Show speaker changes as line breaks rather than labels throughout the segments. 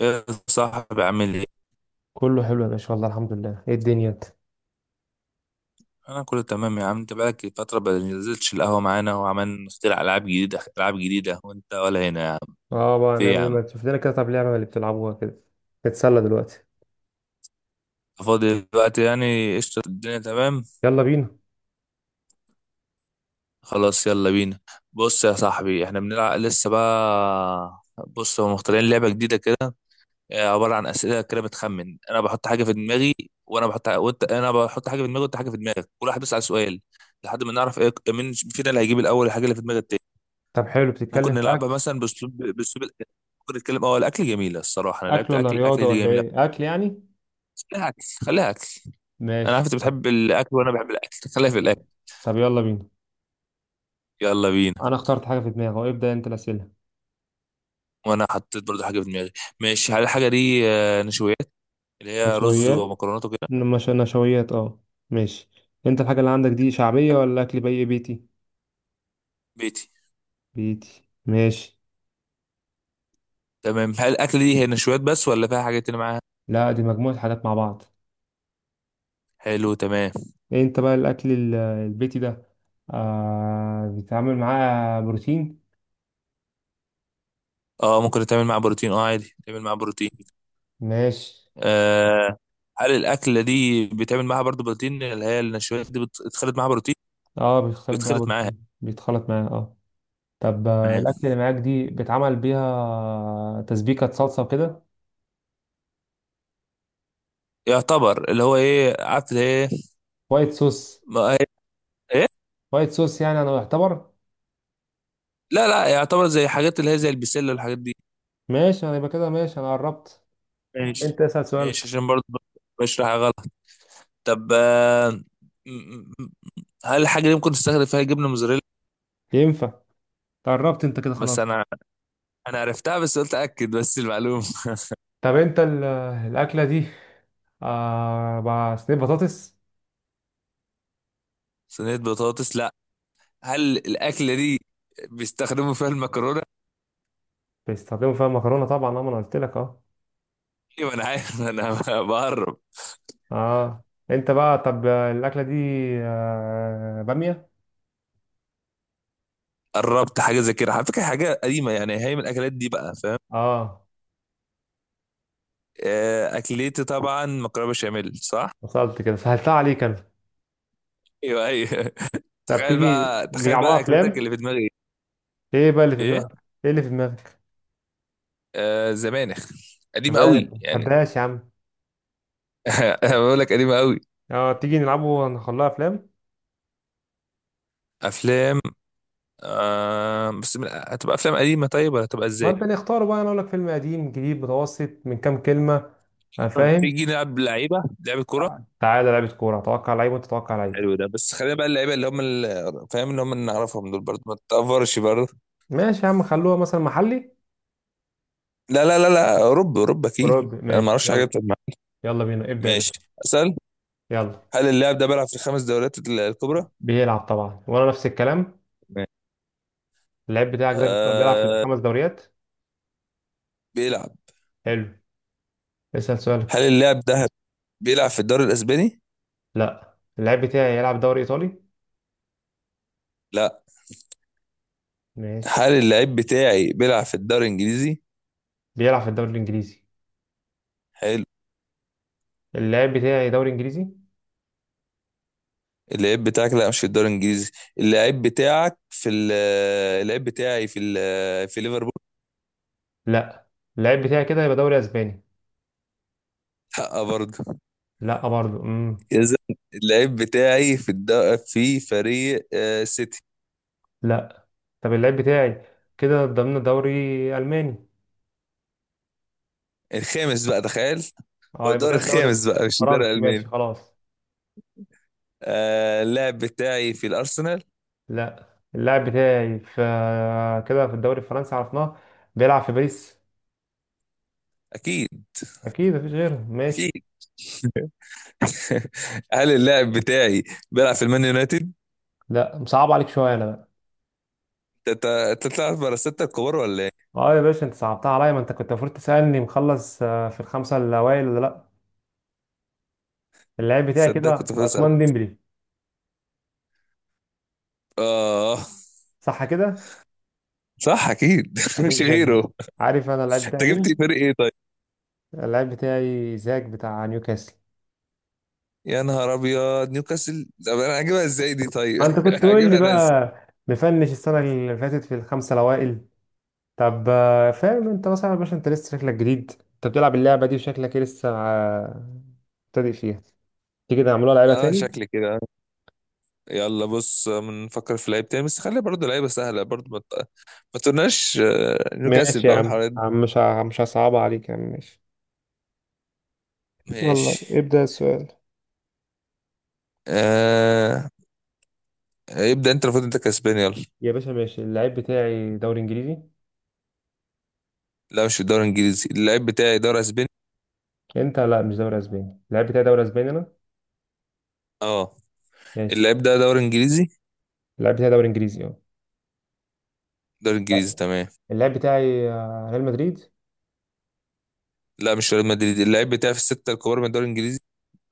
يا صاحبي، عامل ايه؟
كله حلو يا باشا، والله الحمد لله. ايه الدنيا انت؟
انا كله تمام يا عم. انت بقالك فترة ما نزلتش القهوة معانا، وعمال نخترع العاب جديدة، العاب جديدة، وانت ولا هنا يا عم.
اه بقى
في إيه
نعمل
يا
ايه؟
عم؟
ما تشوف لنا كده طب لعبه اللي بتلعبوها كده نتسلى دلوقتي.
فاضي دلوقتي، يعني قشطة، الدنيا تمام.
يلا بينا.
خلاص، يلا بينا. بص يا صاحبي، احنا بنلعب لسه بقى. بص، هم مخترعين لعبة جديدة كده. عبارة عن أسئلة كده بتخمن. انا بحط حاجة في دماغي، وانا بحط وانت انا بحط حاجة في دماغي وانت حاجة في دماغك، كل واحد بيسأل سؤال لحد ما نعرف ايه، مين فينا اللي هيجيب الاول الحاجة اللي في دماغ التاني.
طب حلو، بتتكلم
ممكن
في
نلعبها
اكل؟
مثلا باسلوب الأكل. ممكن نتكلم، اه الاكل جميله الصراحه، انا
اكل
لعبت
ولا
اكل
رياضه
اكل دي
ولا
جميله.
ايه؟ اكل يعني.
خليها اكل، خليها اكل. انا
ماشي،
عارف انت بتحب الاكل وانا بحب الاكل، خليها في الاكل.
طب يلا بينا.
يلا بينا.
انا اخترت في دماغي، ابدا انت الاسئله.
وانا حطيت برضو حاجه في دماغي. ماشي، هل الحاجه دي نشويات، اللي هي رز
نشويات؟
ومكرونات وكده؟
مش نشويات، اه. ماشي، انت الحاجه اللي عندك دي شعبيه ولا اكل بي بيتي؟
بيتي.
بيتي، ماشي.
تمام، هل الاكل دي هي نشويات بس ولا فيها حاجات تانية معاها؟
لا، دي مجموعه حاجات مع بعض.
حلو، تمام.
انت بقى الاكل البيتي ده بيتعامل معاه بروتين؟
اه ممكن تعمل معاها بروتين، اه عادي تعمل معاها بروتين.
ماشي،
آه. هل الاكله دي بيتعمل معاها برضو بروتين، اللي هي النشويات دي بتخلط معاها بروتين؟
اه بيختلط بقى
بيتخلط معاها.
بروتين، بيتخلط معاه اه. طب الاكل اللي معاك دي بيتعمل بيها تسبيكه صلصه وكده؟
يعتبر اللي هو ايه، عارف اللي ايه.
وايت صوص.
ما هي. ايه.
وايت صوص يعني، انا يعتبر.
لا لا، يعتبر زي حاجات اللي هي زي البسله والحاجات دي.
ماشي، انا يبقى كده ماشي، انا قربت.
ماشي.
انت اسال
ماشي،
سؤالك.
عشان برضه بشرح غلط. طب، م- م- هل الحاجه دي ممكن تستخدم فيها جبنه موزاريلا؟
ينفع، قربت انت كده
بس
خلاص.
انا انا عرفتها، بس قلت اكد بس المعلومه.
طب انت الاكله دي آه بقى صينيه بطاطس؟
صينيه بطاطس، لا. هل الاكله دي بيستخدموا فيها المكرونه؟
بيستخدموا فيها مكرونه طبعا اه، ما انا قلت لك اه.
ايوه انا عارف، انا بقرب.
اه، انت بقى طب الاكله دي آه باميه؟
قربت، حاجه زي كده على فكره، حاجه قديمه يعني، هي من الاكلات دي بقى، فاهم.
اه
اكلتي طبعا مكرونه بشاميل، صح؟
وصلت كده، سهلتها عليك انا.
ايوه، ايوه.
طب
تخيل
تيجي
بقى، تخيل
نلعبوها
بقى اكلتك
افلام.
اللي في دماغي.
ايه بقى اللي في
ايه.
دماغك؟ ايه اللي في دماغك؟
زمانخ،
طب
قديمه
انا
قوي
ما
يعني.
بحبهاش.
انا بقول لك قديمه قوي.
اه تيجي نلعبه نخليها افلام.
افلام. هتبقى افلام قديمه طيب، ولا هتبقى
ما
ازاي؟
انت نختار بقى، انا اقول لك فيلم قديم جديد متوسط، من كام كلمه؟ أنا فاهم.
تيجي نلعب لعيبه، لعبه كوره.
تعالى لعبه كوره، اتوقع لعيب وانت تتوقع لعيب.
حلو ده، بس خلينا بقى اللعيبه اللي هم فاهم، اللي هم اللي نعرفهم دول برضه، ما تتأفرش برضه.
ماشي يا عم، خلوها مثلا محلي.
لا لا لا لا، اوروبا اوروبا اكيد.
اوروبي.
انا ما اعرفش حاجه
يلا،
بتجمع.
يلا بينا ابدا يا
ماشي.
باشا.
اسال. هل اللاعب ده بيلعب في الخمس دوريات الكبرى؟
بيلعب طبعا، وانا نفس الكلام.
ماشي.
اللعيب بتاعك ده بيلعب في
آه،
الخمس دوريات؟
بيلعب.
حلو، اسال
هل
سؤالك.
اللاعب ده بيلعب في الدوري الاسباني؟
اللعيب بتاعي يلعب دوري ايطالي.
لا.
ماشي.
هل اللعيب بتاعي بيلعب في الدوري الانجليزي؟
بيلعب في الدوري الانجليزي.
حلو.
اللعيب بتاعي دوري انجليزي.
اللعيب بتاعك، لا، مش في الدوري الانجليزي. اللعيب بتاعك في ال- اللعيب بتاعي في في ليفربول.
لا، اللعيب بتاعي كده يبقى دوري اسباني.
لا برضه.
لا برضو،
اذا، اللعيب بتاعي في الد... في فريق سيتي.
لا. طب اللعيب بتاعي كده ضمن دوري الماني.
الخامس بقى، تخيل. هو
اه يبقى
الدوري
كده دوري
الخامس بقى، مش الدوري
فرنسي.
الالماني.
خلاص.
اللاعب بتاعي في الارسنال.
لا، اللاعب بتاعي في كده في الدوري الفرنسي عرفناه، بيلعب في باريس.
اكيد.
اكيد مفيش غيره. ماشي.
اكيد. هل اللاعب بتاعي بيلعب في المان يونايتد؟
لا، مصعب عليك شويه انا بقى.
تطلع بره الستة الكبار ولا إيه؟
اه يا باشا، انت صعبتها عليا، ما انت كنت المفروض تسالني مخلص في الخمسه الاوائل ولا لا. اللاعب بتاعي
صدق كنت
كده
فاضي اسالك.
عثمان ديمبلي.
اه.
صح كده.
صح اكيد. مش غيره.
عارف انا اللاعب
انت
بتاعي
جبت
مين؟
فريق ايه طيب؟
اللاعب بتاعي زاك بتاع نيوكاسل.
يا نهار ابيض، نيوكاسل! طب انا هجيبها ازاي دي طيب،
ما انت كنت تقول لي
هجيبها انا ازاي؟
بقى مفنش السنه اللي فاتت في الخمسه الاوائل. طب فاهم انت مثلا يا باشا، انت لسه شكلك جديد، انت بتلعب اللعبه دي وشكلك إيه لسه مبتدئ فيها. تيجي نعملوها لعيبه
اه،
تاني.
شكلي كده. يلا بص، بنفكر في لعيب تاني، بس خلي برضه لعيبه سهله برضه، ما تقولناش نيوكاسل
ماشي يا
بقى
عم،
والحوارات دي.
عم مش مش هصعبها عليك يا عم، ماشي. يلا
ماشي.
ابدأ السؤال.
آه. ابدا انت، المفروض انت كسبان، يلا.
يا باشا ماشي، اللعيب بتاعي دوري انجليزي.
لا مش في الدوري الانجليزي، اللعيب بتاعي دوري اسباني.
انت لا، مش دوري اسباني، اللعيب بتاعي دوري اسباني انا.
اه. اللعيب ده دوري انجليزي.
اللعيب بتاعي دوري انجليزي اه.
دوري انجليزي، تمام.
اللعيب بتاعي ريال مدريد.
لا مش ريال مدريد، اللعيب بتاعي في الستة الكبار من الدوري الانجليزي.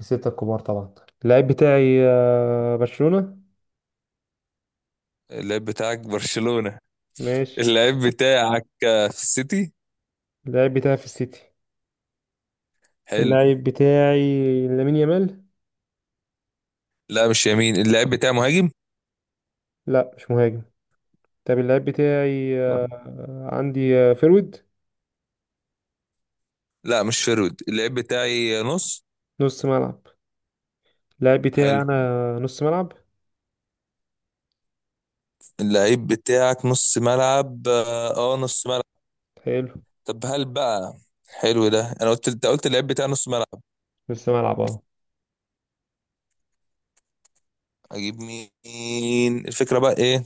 ستة الكبار طبعا. اللعيب بتاعي برشلونة.
اللعيب بتاعك برشلونة.
ماشي.
اللعيب بتاعك في السيتي.
اللاعب بتاعي في السيتي.
حلو.
اللاعب بتاعي لامين يامال.
لا مش يمين، اللعيب بتاعي مهاجم.
لا مش مهاجم. طب اللاعب بتاعي عندي فيرويد.
لا مش فرود، اللعيب بتاعي نص.
نص ملعب. اللاعب بتاعي
حلو.
انا نص ملعب.
اللعيب بتاعك نص ملعب، اه، نص ملعب.
حلو،
طب هل بقى؟ حلو ده، انا قلت، انت قلت اللعيب بتاعي نص ملعب.
نص ملعب اه.
اجيب مين، الفكرة بقى ايه؟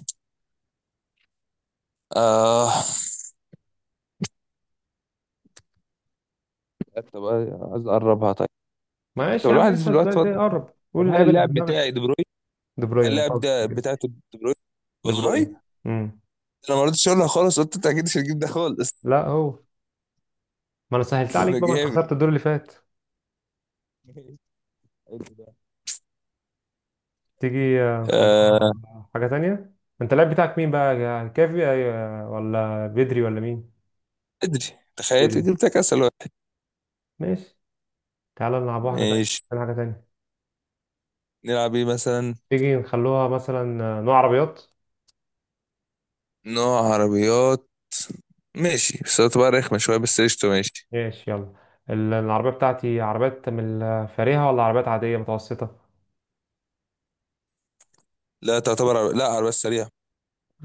اه. طب عايز اقربها طيب. طب
معلش يا عم
الواحد في
اسال
الوقت
سؤال
فاضي.
تاني اه.
طب
قول
هل
اللاعب اللي في
اللاعب
دماغك.
بتاعي دي بروين؟
دي
هل
بروين،
اللاعب
وصلت
ده
كده.
بتاعته دي بروين؟
دي بروين.
والله.
امم
انا ما رضيتش اقولها خالص، قلت انت اكيد مش هتجيب ده خالص.
لا هو، ما انا سهلت عليك
ده
بقى ما انت
جامد.
خسرت الدور اللي فات.
ماشي. حلو ده.
تيجي نخلوها.
آه.
انت اللاعب بتاعك مين بقى، يا كافي ولا بدري ولا مين؟
ادري. تخيل
بدري.
جبتك اسهل واحد.
ماشي، تعالى نلعب واحده تانية،
ماشي.
نلعب حاجه تانية.
نلعب ايه مثلا؟
تيجي نخلوها مثلا نوع عربيات.
نوع عربيات. ماشي، بس تعتبر رخمة شوية، بس قشطة، ماشي.
العربية بتاعتي عربيات من الفارهة ولا عربيات عادية متوسطة؟
لا لا، عربيات سريعة.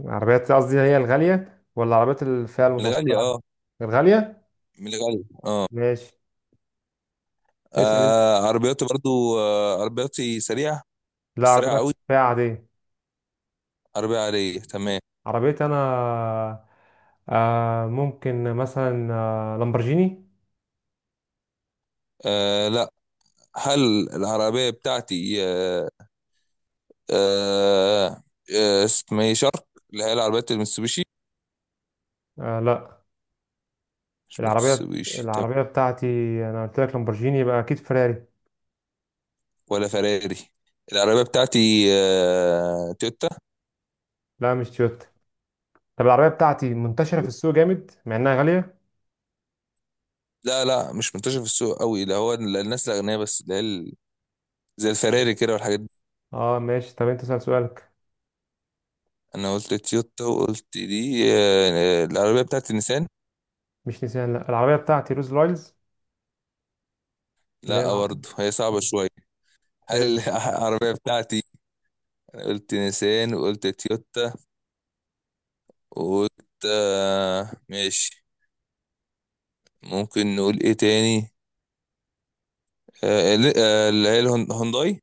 عربيات قصدي هي الغالية ولا عربيات الفئة
من
المتوسطة
الغالية،
العادية؟
اه.
الغالية.
من الغالية.
ماشي، اسأل انت.
عربياتي برضو، عربياتي سريعة.
لا،
مش سريعة
عربيتك
قوي،
فئة عادية.
عربية عادية، تمام.
عربيتي انا، ممكن مثلا آه لامبرجيني.
لا. هل العربية بتاعتي آه، آه آه اسمه إيه، شارك، اللي هي العربيات المتسوبيشي؟
آه لا،
مش
العربية
متسوبيشي، تمام.
العربية بتاعتي، انا قلت لك لامبرجيني، يبقى اكيد فيراري.
ولا فراري. العربية بتاعتي تويوتا.
لا مش تويوتا. طب العربية بتاعتي منتشرة في السوق جامد مع انها غالية.
لا لا، مش منتشر في السوق قوي ده، هو الناس الأغنياء بس، اللي هي زي الفراري كده والحاجات دي.
اه ماشي، طب انت اسأل سؤالك.
أنا قلت تويوتا، وقلت دي، العربية بتاعتي نيسان.
مش نيسان، لا. العربية بتاعتي روز رايلز. اللي هي
لا برضه، هي صعبة شوية.
هي
هل العربية بتاعتي؟ أنا قلت نيسان، وقلت تويوتا، وقلت ماشي. ممكن نقول ايه تاني؟ اللي هي هونداي.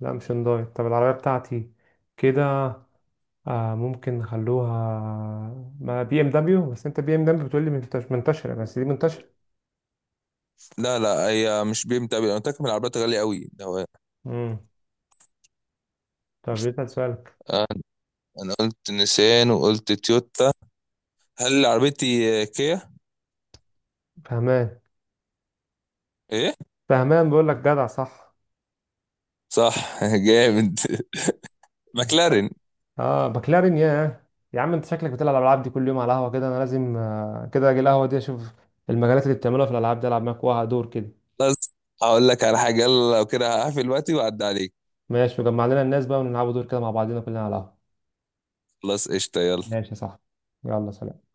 مش هنداي. طب العربية بتاعتي كده آه ممكن نخلوها ما بي ام دبليو، بس انت بي ام دبليو بتقول لي منتشرة، بس دي منتشرة.
لا لا، هي مش BMW، انا متاكد من العربيات غاليه قوي ده.
امم طب يسأل سؤالك.
آه، انا قلت نيسان وقلت تويوتا. هل عربيتي كيا؟
فهمان.
ايه.
فهمان بقول لك، جدع صح.
صح. جامد. ماكلارين.
اه مكلارين. يا عم انت شكلك بتلعب الالعاب دي كل يوم على القهوة كده، انا لازم كده اجي القهوة دي، اشوف المجالات اللي بتعملوها في الالعاب دي، العب معاك واحد دور كده.
بس هقول لك على حاجه، يلا لو كده هقفل دلوقتي واعدي عليك.
ماشي، وجمع لنا الناس بقى ونلعبوا دور كده مع بعضنا كلنا على القهوة.
خلاص، قشطه، يلا.
يلا، سلام.